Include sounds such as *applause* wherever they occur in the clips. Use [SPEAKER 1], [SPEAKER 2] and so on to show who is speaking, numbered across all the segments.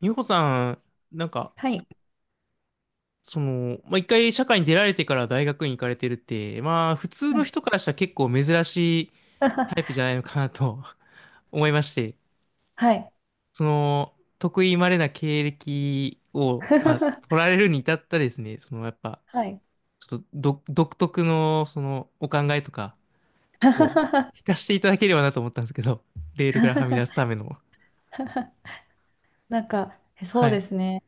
[SPEAKER 1] 美穂さん、なんか、
[SPEAKER 2] はい。
[SPEAKER 1] まあ、一回社会に出られてから大学院行かれてるって、まあ、普通
[SPEAKER 2] は
[SPEAKER 1] の
[SPEAKER 2] い。
[SPEAKER 1] 人からしたら結構珍しいタイプじゃ
[SPEAKER 2] *laughs*
[SPEAKER 1] ないのかなと *laughs* 思いまして、
[SPEAKER 2] はい。
[SPEAKER 1] 得意稀な経歴を、まあ、取ら
[SPEAKER 2] *laughs*
[SPEAKER 1] れるに至ったですね、やっぱ、
[SPEAKER 2] はい。
[SPEAKER 1] ちょっと独特の、お考えとかを
[SPEAKER 2] *laughs*
[SPEAKER 1] 聞かせていただければなと思ったんですけど、レールからはみ出すための。
[SPEAKER 2] なんか、そ
[SPEAKER 1] は
[SPEAKER 2] うで
[SPEAKER 1] い。
[SPEAKER 2] すね。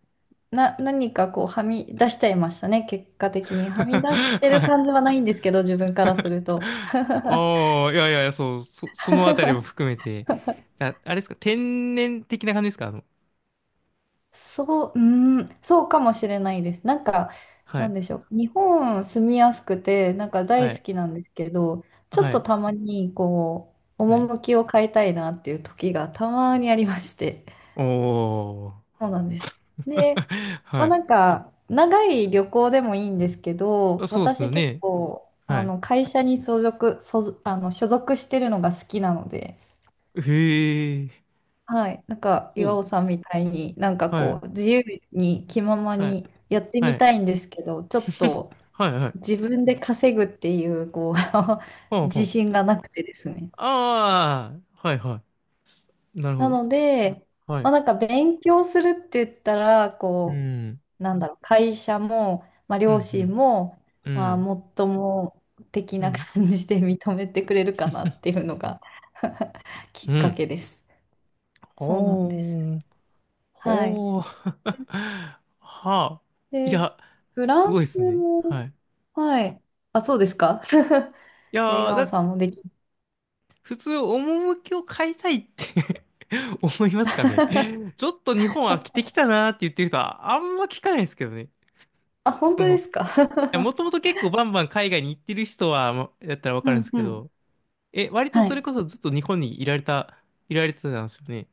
[SPEAKER 2] 何かこう、はみ出しちゃいましたね、結果的に。はみ出し
[SPEAKER 1] *laughs*
[SPEAKER 2] てる
[SPEAKER 1] はい。
[SPEAKER 2] 感じはないんですけど、自分からすると。*laughs*
[SPEAKER 1] ああ、いやいやいや、そう、そのあたりも含めて、あ、あれですか、天然的な感じですか？
[SPEAKER 2] そう、うーん、そうかもしれないです。なんか、
[SPEAKER 1] は
[SPEAKER 2] な
[SPEAKER 1] い、
[SPEAKER 2] んでしょう。日本住みやすくて、なんか
[SPEAKER 1] は
[SPEAKER 2] 大好
[SPEAKER 1] い、
[SPEAKER 2] きなんですけど、ちょっ
[SPEAKER 1] は
[SPEAKER 2] と
[SPEAKER 1] い、
[SPEAKER 2] たまに、こう、
[SPEAKER 1] はい。
[SPEAKER 2] 趣を変えたいなっていう時がたまにありまして。
[SPEAKER 1] おー。
[SPEAKER 2] そうなんです。で、
[SPEAKER 1] *laughs*
[SPEAKER 2] ま
[SPEAKER 1] は
[SPEAKER 2] あ、
[SPEAKER 1] い。
[SPEAKER 2] なんか、長い旅行でもいいんですけど、
[SPEAKER 1] あ、そうですよ
[SPEAKER 2] 私結
[SPEAKER 1] ね。
[SPEAKER 2] 構、
[SPEAKER 1] は
[SPEAKER 2] あ
[SPEAKER 1] い。
[SPEAKER 2] の、会社に所属してるのが好きなので、
[SPEAKER 1] へえ。
[SPEAKER 2] はい、なんか、
[SPEAKER 1] お
[SPEAKER 2] 岩
[SPEAKER 1] う、
[SPEAKER 2] 尾さんみたいに、なんか
[SPEAKER 1] は
[SPEAKER 2] こ
[SPEAKER 1] い、
[SPEAKER 2] う、自由に気まま
[SPEAKER 1] はい、
[SPEAKER 2] にやって
[SPEAKER 1] は
[SPEAKER 2] み
[SPEAKER 1] い、
[SPEAKER 2] たいんですけど、ちょっ
[SPEAKER 1] *laughs*
[SPEAKER 2] と
[SPEAKER 1] はい、はい。
[SPEAKER 2] 自分で稼ぐっていう、こう、
[SPEAKER 1] ほ
[SPEAKER 2] *laughs*
[SPEAKER 1] うほ
[SPEAKER 2] 自
[SPEAKER 1] う。
[SPEAKER 2] 信がなくてですね。
[SPEAKER 1] ああ、はい、はい。なるほ
[SPEAKER 2] な
[SPEAKER 1] ど。
[SPEAKER 2] ので、
[SPEAKER 1] は
[SPEAKER 2] まあ、
[SPEAKER 1] い。
[SPEAKER 2] なんか勉強するって言ったら、
[SPEAKER 1] う
[SPEAKER 2] こ
[SPEAKER 1] ん、
[SPEAKER 2] う、なんだろう、会社も、まあ、
[SPEAKER 1] う
[SPEAKER 2] 両
[SPEAKER 1] ん、
[SPEAKER 2] 親も、
[SPEAKER 1] うん、う
[SPEAKER 2] まあ、
[SPEAKER 1] ん、
[SPEAKER 2] もっとも的
[SPEAKER 1] う
[SPEAKER 2] な
[SPEAKER 1] ん。
[SPEAKER 2] 感じで認めてくれるかなっていうのが *laughs* き
[SPEAKER 1] う
[SPEAKER 2] っか
[SPEAKER 1] ん。
[SPEAKER 2] けです。そうなんです。
[SPEAKER 1] おー。
[SPEAKER 2] はい。
[SPEAKER 1] ほう。*laughs* はあ。い
[SPEAKER 2] で、
[SPEAKER 1] や、
[SPEAKER 2] フ
[SPEAKER 1] す
[SPEAKER 2] ラン
[SPEAKER 1] ごいで
[SPEAKER 2] ス
[SPEAKER 1] すね。は
[SPEAKER 2] も、
[SPEAKER 1] い。
[SPEAKER 2] はい。あ、そうですか。*laughs*
[SPEAKER 1] い
[SPEAKER 2] いや、
[SPEAKER 1] やー、
[SPEAKER 2] 岩尾さんもでき、
[SPEAKER 1] 普通、趣を変えたいって *laughs* 思いますかね。ちょっと日本飽きてきたなーって言ってる人は、あんま聞かないですけどね。
[SPEAKER 2] あ、本当で
[SPEAKER 1] い
[SPEAKER 2] す
[SPEAKER 1] や、も
[SPEAKER 2] か。
[SPEAKER 1] ともと結構バンバン海外に行ってる人は、まだったらわ
[SPEAKER 2] *laughs*
[SPEAKER 1] か
[SPEAKER 2] う
[SPEAKER 1] るんで
[SPEAKER 2] ん
[SPEAKER 1] すけ
[SPEAKER 2] うん。
[SPEAKER 1] ど、え、割と
[SPEAKER 2] は
[SPEAKER 1] それ
[SPEAKER 2] い。
[SPEAKER 1] こそずっと日本にいられてたんですよね。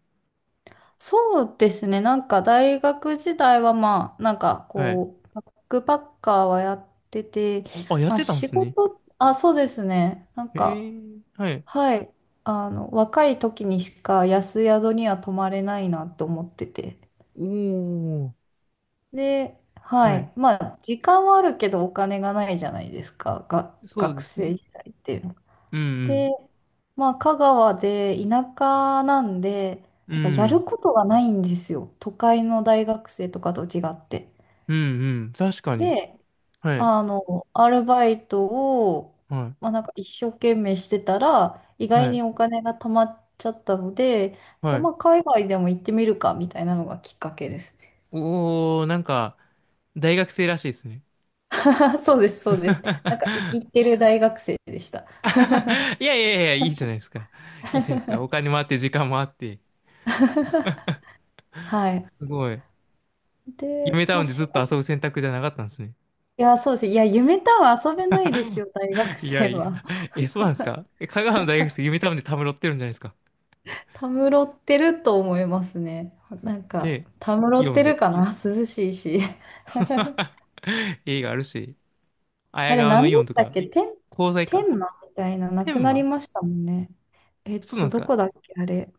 [SPEAKER 2] そうですね。なんか大学時代はまあ、なんか
[SPEAKER 1] はい。
[SPEAKER 2] こう、バックパッカーはやってて、
[SPEAKER 1] あ、やっ
[SPEAKER 2] まあ
[SPEAKER 1] てたんで
[SPEAKER 2] 仕
[SPEAKER 1] すね。
[SPEAKER 2] 事、あ、そうですね。なん
[SPEAKER 1] へ
[SPEAKER 2] か、
[SPEAKER 1] え、はい。
[SPEAKER 2] はい。あの、若い時にしか安宿には泊まれないなと思ってて。
[SPEAKER 1] おー、
[SPEAKER 2] で、は
[SPEAKER 1] はい。
[SPEAKER 2] い。まあ、時間はあるけどお金がないじゃないですか。が、
[SPEAKER 1] そう
[SPEAKER 2] 学
[SPEAKER 1] です
[SPEAKER 2] 生
[SPEAKER 1] ね。
[SPEAKER 2] 時代って。
[SPEAKER 1] うんう
[SPEAKER 2] で、
[SPEAKER 1] ん。
[SPEAKER 2] まあ、香川で田舎なんで、
[SPEAKER 1] う
[SPEAKER 2] だからやる
[SPEAKER 1] ん、
[SPEAKER 2] ことがないんですよ。都会の大学生とかと違って。
[SPEAKER 1] うん、うん、確かに。
[SPEAKER 2] で、
[SPEAKER 1] はい、
[SPEAKER 2] あの、アルバイトを、
[SPEAKER 1] は
[SPEAKER 2] まあ、なんか一生懸命してたら、意
[SPEAKER 1] い、
[SPEAKER 2] 外
[SPEAKER 1] は
[SPEAKER 2] に
[SPEAKER 1] い、
[SPEAKER 2] お金が貯まっちゃったので、じゃ
[SPEAKER 1] は
[SPEAKER 2] あま
[SPEAKER 1] い。
[SPEAKER 2] あ海外でも行ってみるか、みたいなのがきっかけですね。
[SPEAKER 1] おー、なんか、大学生らしいですね。
[SPEAKER 2] *laughs* そうです、そうで
[SPEAKER 1] *laughs*
[SPEAKER 2] す。なんか生きてる大学生でした。
[SPEAKER 1] いやいやいや、いいじゃないですか。いいじゃないですか。お金もあって、時間もあって。
[SPEAKER 2] はい。
[SPEAKER 1] すごい。夢
[SPEAKER 2] で、
[SPEAKER 1] タ
[SPEAKER 2] まあ、
[SPEAKER 1] ウンで
[SPEAKER 2] 仕
[SPEAKER 1] ずっと
[SPEAKER 2] 事、
[SPEAKER 1] 遊ぶ選択じゃなかったんですね。
[SPEAKER 2] いや、そうです。いや、夢とは遊べないです
[SPEAKER 1] *laughs*
[SPEAKER 2] よ、大学
[SPEAKER 1] いや
[SPEAKER 2] 生
[SPEAKER 1] いや、
[SPEAKER 2] は。
[SPEAKER 1] え、そうなんですか？え、香川の大学生、夢タウンでたむろってるんじゃないですか？
[SPEAKER 2] たむろってると思いますね。なんか、
[SPEAKER 1] で、
[SPEAKER 2] たむろ
[SPEAKER 1] イ
[SPEAKER 2] っ
[SPEAKER 1] オン
[SPEAKER 2] てる
[SPEAKER 1] で。
[SPEAKER 2] かな、涼しいし。
[SPEAKER 1] *laughs* 映画あるし、綾
[SPEAKER 2] あれ、
[SPEAKER 1] 川の
[SPEAKER 2] 何
[SPEAKER 1] イオ
[SPEAKER 2] で
[SPEAKER 1] ンと
[SPEAKER 2] したっ
[SPEAKER 1] か、
[SPEAKER 2] け、天、
[SPEAKER 1] 鋼材か。
[SPEAKER 2] 天満みたいな、なく
[SPEAKER 1] 天
[SPEAKER 2] なり
[SPEAKER 1] 満。
[SPEAKER 2] ましたもんね。えっ
[SPEAKER 1] そうな
[SPEAKER 2] と、
[SPEAKER 1] んです
[SPEAKER 2] ど
[SPEAKER 1] か？
[SPEAKER 2] こだっけ、あれ。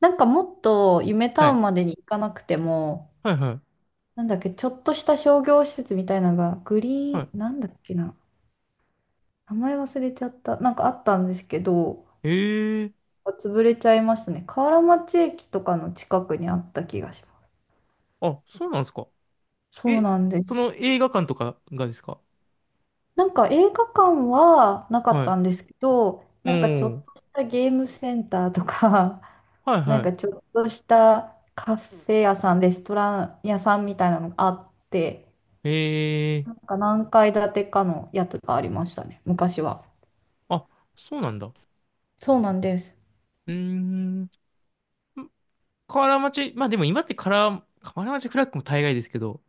[SPEAKER 2] なんかもっと、夢
[SPEAKER 1] は
[SPEAKER 2] タウ
[SPEAKER 1] い。
[SPEAKER 2] ンまでに行かなくても、
[SPEAKER 1] はいはい。
[SPEAKER 2] なんだっけ、ちょっとした商業施設みたいなのが、グリ
[SPEAKER 1] は
[SPEAKER 2] ーン、なんだっけな。名前忘れちゃった。なんかあったんですけど、
[SPEAKER 1] い。ええー。
[SPEAKER 2] 潰れちゃいましたね。河原町駅とかの近くにあった気がしま
[SPEAKER 1] あ、そうなんですか。
[SPEAKER 2] す。そう
[SPEAKER 1] え、
[SPEAKER 2] なんで
[SPEAKER 1] そ
[SPEAKER 2] す。
[SPEAKER 1] の映画館とかがですか？
[SPEAKER 2] なんか映画館はなかっ
[SPEAKER 1] はい。
[SPEAKER 2] たんですけど、
[SPEAKER 1] う
[SPEAKER 2] なんかちょっ
[SPEAKER 1] ん。
[SPEAKER 2] としたゲームセンターとか、
[SPEAKER 1] はい
[SPEAKER 2] *laughs* なん
[SPEAKER 1] は
[SPEAKER 2] かちょっとしたカフェ屋さん、レストラン屋さんみたいなのがあって、
[SPEAKER 1] い。ええー。
[SPEAKER 2] なんか何階建てかのやつがありましたね、昔は。
[SPEAKER 1] あ、そうなんだ。う
[SPEAKER 2] そうなんです。
[SPEAKER 1] ーん。河原町、まあでも今ってカラー、河原町フラッグも大概ですけど、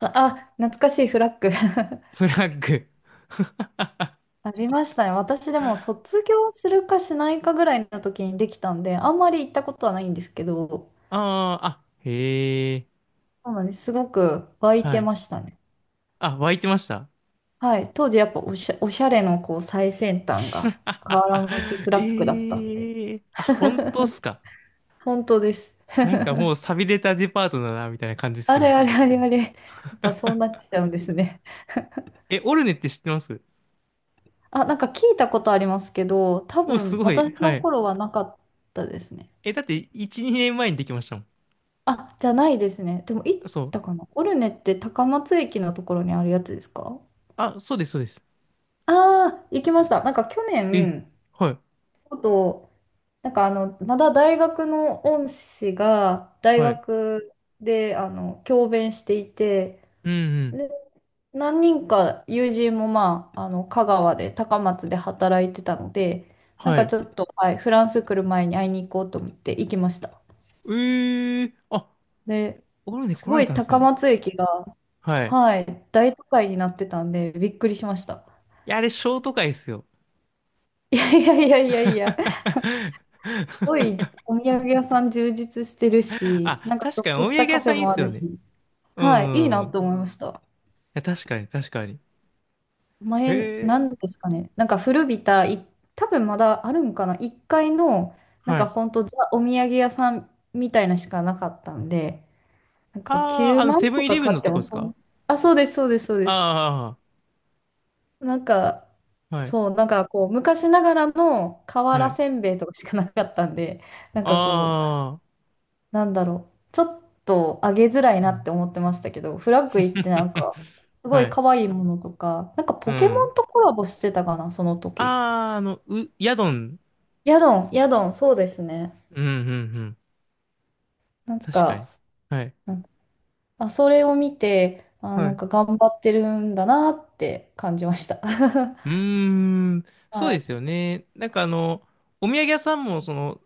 [SPEAKER 2] あ、懐かしいフラッグ。 *laughs*
[SPEAKER 1] フラッグ。
[SPEAKER 2] ありましたね。私でも卒業するかしないかぐらいの時にできたんで、あんまり行ったことはないんですけど、
[SPEAKER 1] ああ、あ、へえ。
[SPEAKER 2] そうなんです。すごく湧い
[SPEAKER 1] は
[SPEAKER 2] て
[SPEAKER 1] い。
[SPEAKER 2] ましたね。
[SPEAKER 1] あ、湧いてました。
[SPEAKER 2] はい、当時やっぱ、おしゃれのこう最先端が河原町
[SPEAKER 1] *laughs*
[SPEAKER 2] スラックだったんで。
[SPEAKER 1] ええ。あ、本当っ
[SPEAKER 2] *laughs*
[SPEAKER 1] すか。
[SPEAKER 2] 本当です。
[SPEAKER 1] なんかもう寂れたデパートだな、みたいな感じです
[SPEAKER 2] あ
[SPEAKER 1] けど。
[SPEAKER 2] れあれあれあれ。やっぱそうなっちゃうんですね。
[SPEAKER 1] え、オルネって知ってます？
[SPEAKER 2] あ、なんか聞いたことありますけど、多
[SPEAKER 1] お、す
[SPEAKER 2] 分
[SPEAKER 1] ごい。
[SPEAKER 2] 私の
[SPEAKER 1] はい。
[SPEAKER 2] 頃はなかったですね。
[SPEAKER 1] え、だって、1、2年前にできましたもん。
[SPEAKER 2] あ、じゃないですね。でも行っ
[SPEAKER 1] そう。
[SPEAKER 2] たかな。オルネって高松駅のところにあるやつですか？
[SPEAKER 1] あ、そうです、そうです。
[SPEAKER 2] ああー、行きました。なんか去
[SPEAKER 1] え、
[SPEAKER 2] 年、
[SPEAKER 1] はい。
[SPEAKER 2] ちょっとなんか、あの、まだ大学の恩師が大
[SPEAKER 1] はい。
[SPEAKER 2] 学であの教鞭していて、
[SPEAKER 1] うんうん。
[SPEAKER 2] で、何人か友人もまあ、あの香川で高松で働いてたので、なん
[SPEAKER 1] は
[SPEAKER 2] か
[SPEAKER 1] い。
[SPEAKER 2] ちょっと、はい、フランス来る前に会いに行こうと思って行きました。
[SPEAKER 1] えあ、
[SPEAKER 2] で、
[SPEAKER 1] オルネ
[SPEAKER 2] す
[SPEAKER 1] 来ら
[SPEAKER 2] ご
[SPEAKER 1] れ
[SPEAKER 2] い
[SPEAKER 1] たんです
[SPEAKER 2] 高
[SPEAKER 1] ね。
[SPEAKER 2] 松駅が、
[SPEAKER 1] はい。
[SPEAKER 2] はい、大都会になってたんでびっくりしました。
[SPEAKER 1] いや、あれ、ショート会ですよ。
[SPEAKER 2] *laughs* いやいやいやいやいや、すご
[SPEAKER 1] *laughs*
[SPEAKER 2] いお土産屋さん充実してるし、
[SPEAKER 1] あ、
[SPEAKER 2] なんかち
[SPEAKER 1] 確
[SPEAKER 2] ょっ
[SPEAKER 1] かに、お
[SPEAKER 2] と
[SPEAKER 1] 土
[SPEAKER 2] し
[SPEAKER 1] 産
[SPEAKER 2] た
[SPEAKER 1] 屋
[SPEAKER 2] カフ
[SPEAKER 1] さ
[SPEAKER 2] ェ
[SPEAKER 1] んいいっ
[SPEAKER 2] もあ
[SPEAKER 1] すよ
[SPEAKER 2] る
[SPEAKER 1] ね。
[SPEAKER 2] し、
[SPEAKER 1] う
[SPEAKER 2] はい、いいな
[SPEAKER 1] ん。い
[SPEAKER 2] と思いました。
[SPEAKER 1] や、確かに、確かに。え
[SPEAKER 2] 前、な
[SPEAKER 1] ー、
[SPEAKER 2] んですかね。なんか古びた、い、多分まだあるんかな。1階の、なん
[SPEAKER 1] は
[SPEAKER 2] か
[SPEAKER 1] い。
[SPEAKER 2] ほんとザ・お土産屋さんみたいなしかなかったんで、なんか
[SPEAKER 1] あー、
[SPEAKER 2] 9
[SPEAKER 1] あの、
[SPEAKER 2] 万
[SPEAKER 1] セブ
[SPEAKER 2] と
[SPEAKER 1] ンイ
[SPEAKER 2] か
[SPEAKER 1] レブ
[SPEAKER 2] 買
[SPEAKER 1] ン
[SPEAKER 2] っ
[SPEAKER 1] の
[SPEAKER 2] て
[SPEAKER 1] とこ
[SPEAKER 2] も
[SPEAKER 1] です
[SPEAKER 2] そ
[SPEAKER 1] か？
[SPEAKER 2] ん、あ、そうです、そうです、そうです。
[SPEAKER 1] あ
[SPEAKER 2] なんか、
[SPEAKER 1] あー、はい。
[SPEAKER 2] そう、なんかこう、昔ながらの
[SPEAKER 1] は
[SPEAKER 2] 瓦
[SPEAKER 1] い。
[SPEAKER 2] せんべいとかしかなかったんで、なんかこ
[SPEAKER 1] あ
[SPEAKER 2] なんだろう、ちょっと上げづらい
[SPEAKER 1] ー、う
[SPEAKER 2] なっ
[SPEAKER 1] ん。
[SPEAKER 2] て思ってましたけど、フラッグイってなん
[SPEAKER 1] *laughs*
[SPEAKER 2] か、すご
[SPEAKER 1] は
[SPEAKER 2] い
[SPEAKER 1] い。
[SPEAKER 2] 可愛いものとか、なんか
[SPEAKER 1] う
[SPEAKER 2] ポケモ
[SPEAKER 1] ん。
[SPEAKER 2] ンとコラボしてたかな、その時。
[SPEAKER 1] あー、ヤドン。
[SPEAKER 2] ヤドン、ヤドン、そうですね。
[SPEAKER 1] うん、うん、うん。
[SPEAKER 2] なん
[SPEAKER 1] 確か
[SPEAKER 2] か、
[SPEAKER 1] に。はい。
[SPEAKER 2] なんあ、それを見て、あ、
[SPEAKER 1] は
[SPEAKER 2] なん
[SPEAKER 1] い。
[SPEAKER 2] か頑張ってるんだなって感じました。*laughs*
[SPEAKER 1] うーん、そ
[SPEAKER 2] は
[SPEAKER 1] うで
[SPEAKER 2] い。
[SPEAKER 1] すよね。なんかあの、お土産屋さんも、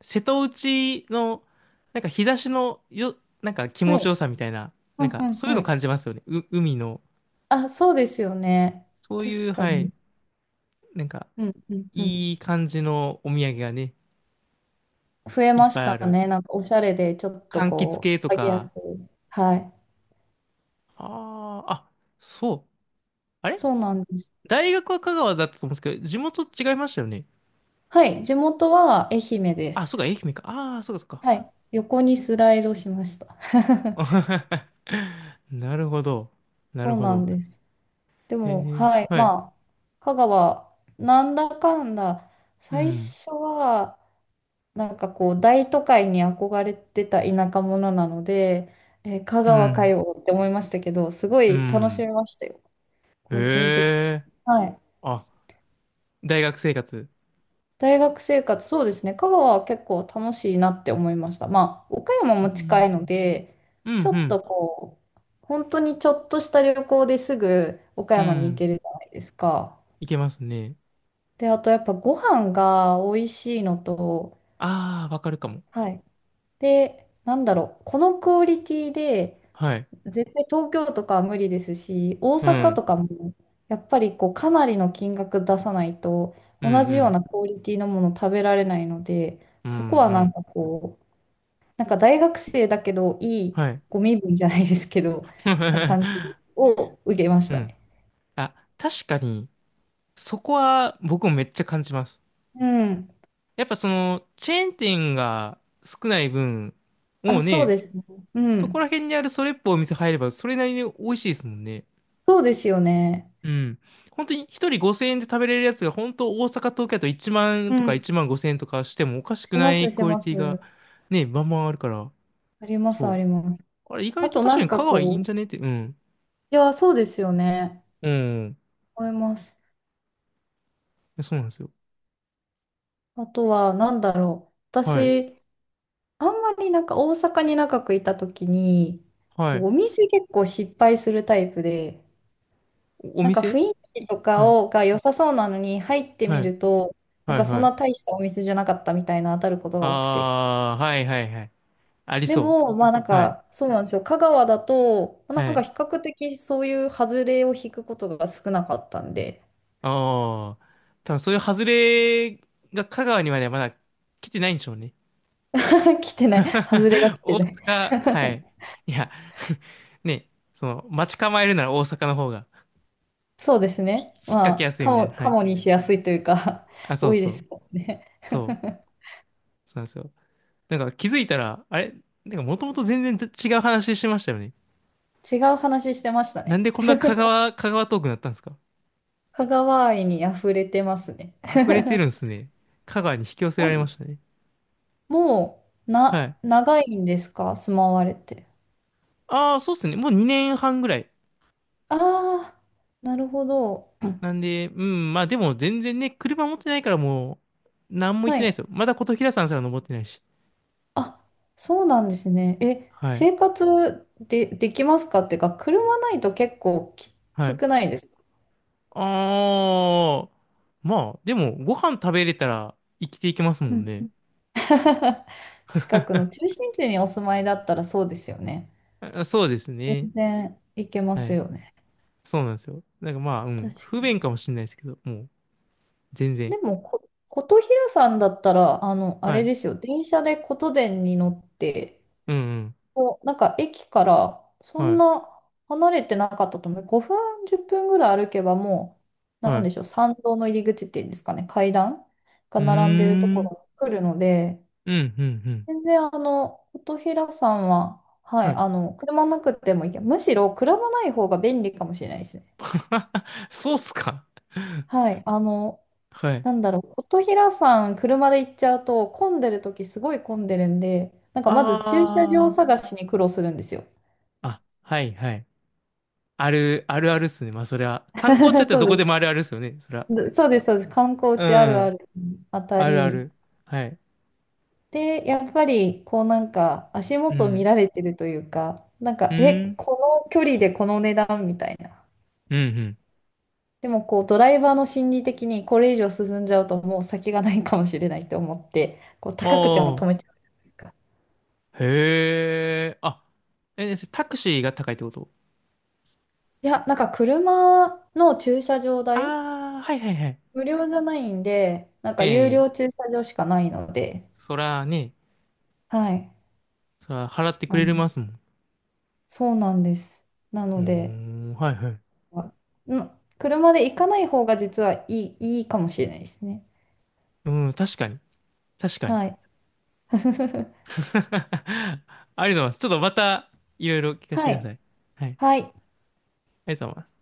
[SPEAKER 1] 瀬戸内の、なんか日差しのよ、なんか気
[SPEAKER 2] は
[SPEAKER 1] 持ちよ
[SPEAKER 2] い。
[SPEAKER 1] さみたいな、
[SPEAKER 2] う
[SPEAKER 1] なん
[SPEAKER 2] んう
[SPEAKER 1] か
[SPEAKER 2] ん
[SPEAKER 1] そういう
[SPEAKER 2] う
[SPEAKER 1] の
[SPEAKER 2] ん。
[SPEAKER 1] 感じますよね。う、海の。
[SPEAKER 2] あ、そうですよね。
[SPEAKER 1] そうい
[SPEAKER 2] 確
[SPEAKER 1] う、
[SPEAKER 2] か
[SPEAKER 1] は
[SPEAKER 2] に。
[SPEAKER 1] い、なんか、
[SPEAKER 2] うんうんうん。
[SPEAKER 1] いい感じのお土産がね、
[SPEAKER 2] 増え
[SPEAKER 1] いっ
[SPEAKER 2] まし
[SPEAKER 1] ぱいあ
[SPEAKER 2] た
[SPEAKER 1] る。
[SPEAKER 2] ね。なんかおしゃれで、ちょっと
[SPEAKER 1] 柑橘
[SPEAKER 2] こ
[SPEAKER 1] 系と
[SPEAKER 2] う、上げやす
[SPEAKER 1] か。
[SPEAKER 2] い。はい。
[SPEAKER 1] ああ、あ、そう。あれ、
[SPEAKER 2] そうなんです。
[SPEAKER 1] 大学は香川だったと思うんですけど、地元違いましたよね。
[SPEAKER 2] はい、地元は愛媛で
[SPEAKER 1] あ、そうか、
[SPEAKER 2] す。
[SPEAKER 1] 愛媛か。ああ、そうか、そうか。
[SPEAKER 2] はい、横にスライドしました。*laughs*
[SPEAKER 1] *laughs* なるほど。な
[SPEAKER 2] そ
[SPEAKER 1] る
[SPEAKER 2] う
[SPEAKER 1] ほ
[SPEAKER 2] なん
[SPEAKER 1] ど。
[SPEAKER 2] です。で
[SPEAKER 1] へ
[SPEAKER 2] も、
[SPEAKER 1] え、
[SPEAKER 2] はい、
[SPEAKER 1] はい。
[SPEAKER 2] まあ、香川、なんだかんだ、
[SPEAKER 1] う
[SPEAKER 2] 最
[SPEAKER 1] ん。
[SPEAKER 2] 初は、なんかこう、大都会に憧れてた田舎者なので、えー香
[SPEAKER 1] う
[SPEAKER 2] 川か
[SPEAKER 1] ん。
[SPEAKER 2] よって思いましたけど、すご
[SPEAKER 1] う
[SPEAKER 2] い楽し
[SPEAKER 1] ん。
[SPEAKER 2] めましたよ、
[SPEAKER 1] へ
[SPEAKER 2] 個人的に。
[SPEAKER 1] え。
[SPEAKER 2] はい。
[SPEAKER 1] あ、大学生活。
[SPEAKER 2] 大学生活、そうですね。香川は結構楽しいなって思いました。まあ、岡山
[SPEAKER 1] う
[SPEAKER 2] も近いの
[SPEAKER 1] ん。
[SPEAKER 2] で、
[SPEAKER 1] う
[SPEAKER 2] ち
[SPEAKER 1] ん、
[SPEAKER 2] ょ
[SPEAKER 1] う
[SPEAKER 2] っ
[SPEAKER 1] ん。
[SPEAKER 2] とこう、本当にちょっとした旅行ですぐ岡
[SPEAKER 1] う
[SPEAKER 2] 山に行
[SPEAKER 1] ん。
[SPEAKER 2] けるじゃないですか。
[SPEAKER 1] いけますね。
[SPEAKER 2] で、あとやっぱご飯が美味しいのと、
[SPEAKER 1] ああ、わかるかも。
[SPEAKER 2] はい。で、なんだろう、このクオリティで
[SPEAKER 1] はい。
[SPEAKER 2] 絶対東京とかは無理ですし、大
[SPEAKER 1] う
[SPEAKER 2] 阪
[SPEAKER 1] ん。
[SPEAKER 2] とかもやっぱりこうかなりの金額出さないと
[SPEAKER 1] うん、
[SPEAKER 2] 同じ
[SPEAKER 1] う
[SPEAKER 2] よう
[SPEAKER 1] ん。
[SPEAKER 2] なクオリティのもの食べられないので、
[SPEAKER 1] うん、
[SPEAKER 2] そこは
[SPEAKER 1] う
[SPEAKER 2] なん
[SPEAKER 1] ん。
[SPEAKER 2] かこう、なんか大学生だけどいい
[SPEAKER 1] はい。
[SPEAKER 2] ご身分じゃないですけど、な感じ
[SPEAKER 1] *laughs*
[SPEAKER 2] を受けまし
[SPEAKER 1] う
[SPEAKER 2] た
[SPEAKER 1] ん。
[SPEAKER 2] ね。
[SPEAKER 1] あ、確かに、そこは僕もめっちゃ感じます。
[SPEAKER 2] うん。
[SPEAKER 1] やっぱチェーン店が少ない分、も
[SPEAKER 2] あ、
[SPEAKER 1] う
[SPEAKER 2] そう
[SPEAKER 1] ね、
[SPEAKER 2] ですね。う
[SPEAKER 1] そこら
[SPEAKER 2] ん。
[SPEAKER 1] 辺にあるそれっぽいお店入れば、それなりに美味しいですもんね。
[SPEAKER 2] そうですよね。
[SPEAKER 1] うん。本当に一人5000円で食べれるやつが、本当大阪、東京だと1
[SPEAKER 2] う
[SPEAKER 1] 万とか
[SPEAKER 2] ん。
[SPEAKER 1] 1万5000円とかしてもおかしく
[SPEAKER 2] しま
[SPEAKER 1] ない
[SPEAKER 2] す、し
[SPEAKER 1] クオリ
[SPEAKER 2] ま
[SPEAKER 1] ティが
[SPEAKER 2] す。
[SPEAKER 1] ね、バンバンあるから、
[SPEAKER 2] あります、あ
[SPEAKER 1] そう。
[SPEAKER 2] ります。
[SPEAKER 1] あれ、意外
[SPEAKER 2] あ
[SPEAKER 1] と
[SPEAKER 2] と
[SPEAKER 1] 確
[SPEAKER 2] な
[SPEAKER 1] か
[SPEAKER 2] ん
[SPEAKER 1] に
[SPEAKER 2] か
[SPEAKER 1] 香川いいん
[SPEAKER 2] こ
[SPEAKER 1] じ
[SPEAKER 2] う、
[SPEAKER 1] ゃねって、うん。
[SPEAKER 2] いや、そうですよね。
[SPEAKER 1] うん。
[SPEAKER 2] 思います。
[SPEAKER 1] そうなんですよ。
[SPEAKER 2] あとは、なんだろう。
[SPEAKER 1] はい。
[SPEAKER 2] 私、あんまりなんか大阪に長くいた時に、
[SPEAKER 1] はい。
[SPEAKER 2] お店結構失敗するタイプで、
[SPEAKER 1] お
[SPEAKER 2] なんか
[SPEAKER 1] 店。
[SPEAKER 2] 雰囲気とか
[SPEAKER 1] はい。
[SPEAKER 2] をが良さそうなのに入って
[SPEAKER 1] は
[SPEAKER 2] み
[SPEAKER 1] い、
[SPEAKER 2] ると、な
[SPEAKER 1] は
[SPEAKER 2] ん
[SPEAKER 1] い。
[SPEAKER 2] かそ
[SPEAKER 1] は
[SPEAKER 2] ん
[SPEAKER 1] い。
[SPEAKER 2] な大したお店じゃなかったみたいな当たることが多くて。
[SPEAKER 1] あー、はい、はい、はい。あり
[SPEAKER 2] で
[SPEAKER 1] そう。
[SPEAKER 2] も、まあなん
[SPEAKER 1] はい。
[SPEAKER 2] か、そうなんですよ。香川だと、なん
[SPEAKER 1] は
[SPEAKER 2] か
[SPEAKER 1] い。
[SPEAKER 2] 比較的そういう外れを引くことが少なかったんで、
[SPEAKER 1] ああ、多分そういう外れが香川にはね、まだ来てないんでしょうね。
[SPEAKER 2] *laughs* 来て
[SPEAKER 1] *laughs*
[SPEAKER 2] ない。外れが来て
[SPEAKER 1] 大
[SPEAKER 2] ない。
[SPEAKER 1] 阪、はい。いや *laughs* ね、待ち構えるなら大阪の方が
[SPEAKER 2] そうですね。
[SPEAKER 1] 引っ
[SPEAKER 2] ま
[SPEAKER 1] 掛け
[SPEAKER 2] あ、
[SPEAKER 1] やすい
[SPEAKER 2] カ
[SPEAKER 1] みたいな。
[SPEAKER 2] モ、
[SPEAKER 1] は
[SPEAKER 2] カ
[SPEAKER 1] い。
[SPEAKER 2] モにしやすいというか、
[SPEAKER 1] あ、
[SPEAKER 2] *laughs*
[SPEAKER 1] そう
[SPEAKER 2] 多いで
[SPEAKER 1] そう。
[SPEAKER 2] すもんね。
[SPEAKER 1] そう。
[SPEAKER 2] *laughs*
[SPEAKER 1] そうなんですよ。なんか気づいたら、あれ、なんかもともと全然違う話してましたよね。
[SPEAKER 2] 違う話してました
[SPEAKER 1] なん
[SPEAKER 2] ね。
[SPEAKER 1] でこんな香川トークになったんですか？
[SPEAKER 2] 香川愛に溢れてますね。
[SPEAKER 1] 溢れてるん
[SPEAKER 2] *laughs*
[SPEAKER 1] ですね。香川に引き寄せられま
[SPEAKER 2] あ、
[SPEAKER 1] したね。
[SPEAKER 2] もう、
[SPEAKER 1] は
[SPEAKER 2] な、
[SPEAKER 1] い。
[SPEAKER 2] 長いんですか、住まわれて。
[SPEAKER 1] ああ、そうっすね。もう2年半ぐらい。
[SPEAKER 2] ああ、なるほど。
[SPEAKER 1] なんで、うん、まあでも全然ね、車持ってないからもう、なんも言っ
[SPEAKER 2] は
[SPEAKER 1] てないです
[SPEAKER 2] い。
[SPEAKER 1] よ。まだ琴平山すら登ってないし。
[SPEAKER 2] あ、そうなんですね。え、
[SPEAKER 1] はい。
[SPEAKER 2] 生活で、できますかっていうか、車ないと結構き
[SPEAKER 1] は
[SPEAKER 2] つ
[SPEAKER 1] い。
[SPEAKER 2] くないですか？
[SPEAKER 1] ああ、まあ、でも、ご飯食べれたら生きていけますも
[SPEAKER 2] う
[SPEAKER 1] ん
[SPEAKER 2] ん。
[SPEAKER 1] ね。
[SPEAKER 2] *laughs* 近くの中心地にお住まいだったらそうですよね。
[SPEAKER 1] あ、そうです
[SPEAKER 2] 全
[SPEAKER 1] ね。
[SPEAKER 2] 然いけま
[SPEAKER 1] は
[SPEAKER 2] す
[SPEAKER 1] い。
[SPEAKER 2] よね。
[SPEAKER 1] そうなんですよ。なんかまあ、う
[SPEAKER 2] 確
[SPEAKER 1] ん、
[SPEAKER 2] か
[SPEAKER 1] 不便
[SPEAKER 2] に。
[SPEAKER 1] かもしれないですけど、もう、全然。
[SPEAKER 2] でも、琴平さんだったら、あの、あ
[SPEAKER 1] は
[SPEAKER 2] れ
[SPEAKER 1] い。
[SPEAKER 2] ですよ、電車で琴電に乗って、
[SPEAKER 1] うんうん。
[SPEAKER 2] こう、なんか駅からそ
[SPEAKER 1] は
[SPEAKER 2] ん
[SPEAKER 1] い。
[SPEAKER 2] な離れてなかったと思う。5分、10分ぐらい歩けばもう、な
[SPEAKER 1] は
[SPEAKER 2] んで
[SPEAKER 1] い。
[SPEAKER 2] しょう、参道の入り口っていうんですかね、階段が
[SPEAKER 1] う
[SPEAKER 2] 並んでるとこ
[SPEAKER 1] ー
[SPEAKER 2] ろ
[SPEAKER 1] ん。
[SPEAKER 2] に来るので、
[SPEAKER 1] うん、うん、うん。
[SPEAKER 2] 全然あの、琴平さんは、は
[SPEAKER 1] は
[SPEAKER 2] い、
[SPEAKER 1] い。
[SPEAKER 2] あの、車なくてもいいけど、むしろ車ない方が便利かもしれないですね。
[SPEAKER 1] *laughs* そうっすか。
[SPEAKER 2] はい、あの、
[SPEAKER 1] はい。
[SPEAKER 2] なんだろう、琴平さん、車で行っちゃうと、混んでるときすごい混んでるんで、なんかまず駐車場
[SPEAKER 1] あ
[SPEAKER 2] 探しに苦労するんですよ。
[SPEAKER 1] あ。あ、はい、はい。ある、あるあるっすね。まあ、それは。観光地だっ
[SPEAKER 2] *laughs*
[SPEAKER 1] たら
[SPEAKER 2] そう
[SPEAKER 1] どこ
[SPEAKER 2] で
[SPEAKER 1] で
[SPEAKER 2] す。
[SPEAKER 1] もあるあるっすよね。それは。
[SPEAKER 2] *laughs* でそうです、そうです。観光
[SPEAKER 1] う
[SPEAKER 2] 地あるあ
[SPEAKER 1] ん。
[SPEAKER 2] るあた
[SPEAKER 1] あるあ
[SPEAKER 2] り。
[SPEAKER 1] る。はい。
[SPEAKER 2] で、やっぱり、こうなんか、足
[SPEAKER 1] う
[SPEAKER 2] 元見
[SPEAKER 1] ん。
[SPEAKER 2] られてるというか、なん
[SPEAKER 1] う
[SPEAKER 2] か、え、
[SPEAKER 1] ん。
[SPEAKER 2] この距離でこの値段みたいな。
[SPEAKER 1] うん、うん。
[SPEAKER 2] でも、こう、ドライバーの心理的に、これ以上進んじゃうと、もう先がないかもしれないと思って、こう、
[SPEAKER 1] あ
[SPEAKER 2] 高くても止め
[SPEAKER 1] あ。
[SPEAKER 2] ちゃうじゃないですか。
[SPEAKER 1] へえ。あ、え、タクシーが高いってこと？
[SPEAKER 2] いや、なんか、車の駐車場代
[SPEAKER 1] ああー、はいはいはい。
[SPEAKER 2] 無料じゃないんで、なん
[SPEAKER 1] え
[SPEAKER 2] か有料
[SPEAKER 1] え。
[SPEAKER 2] 駐車場しかないので、
[SPEAKER 1] そらね、
[SPEAKER 2] はい。
[SPEAKER 1] そら払ってく
[SPEAKER 2] う
[SPEAKER 1] れ
[SPEAKER 2] ん、
[SPEAKER 1] ますもん。
[SPEAKER 2] そうなんです。な
[SPEAKER 1] うー
[SPEAKER 2] ので、
[SPEAKER 1] ん、はいはい。
[SPEAKER 2] あん車で行かない方が実はいい、いいかもしれないですね。
[SPEAKER 1] うん、確かに。確かに。
[SPEAKER 2] はい。
[SPEAKER 1] *laughs* ありがとう
[SPEAKER 2] *laughs*
[SPEAKER 1] ございます。ちょっとまた、いろいろ聞かせて
[SPEAKER 2] は
[SPEAKER 1] くださ
[SPEAKER 2] い。
[SPEAKER 1] い。はい。あ
[SPEAKER 2] はい。
[SPEAKER 1] りがとうございます。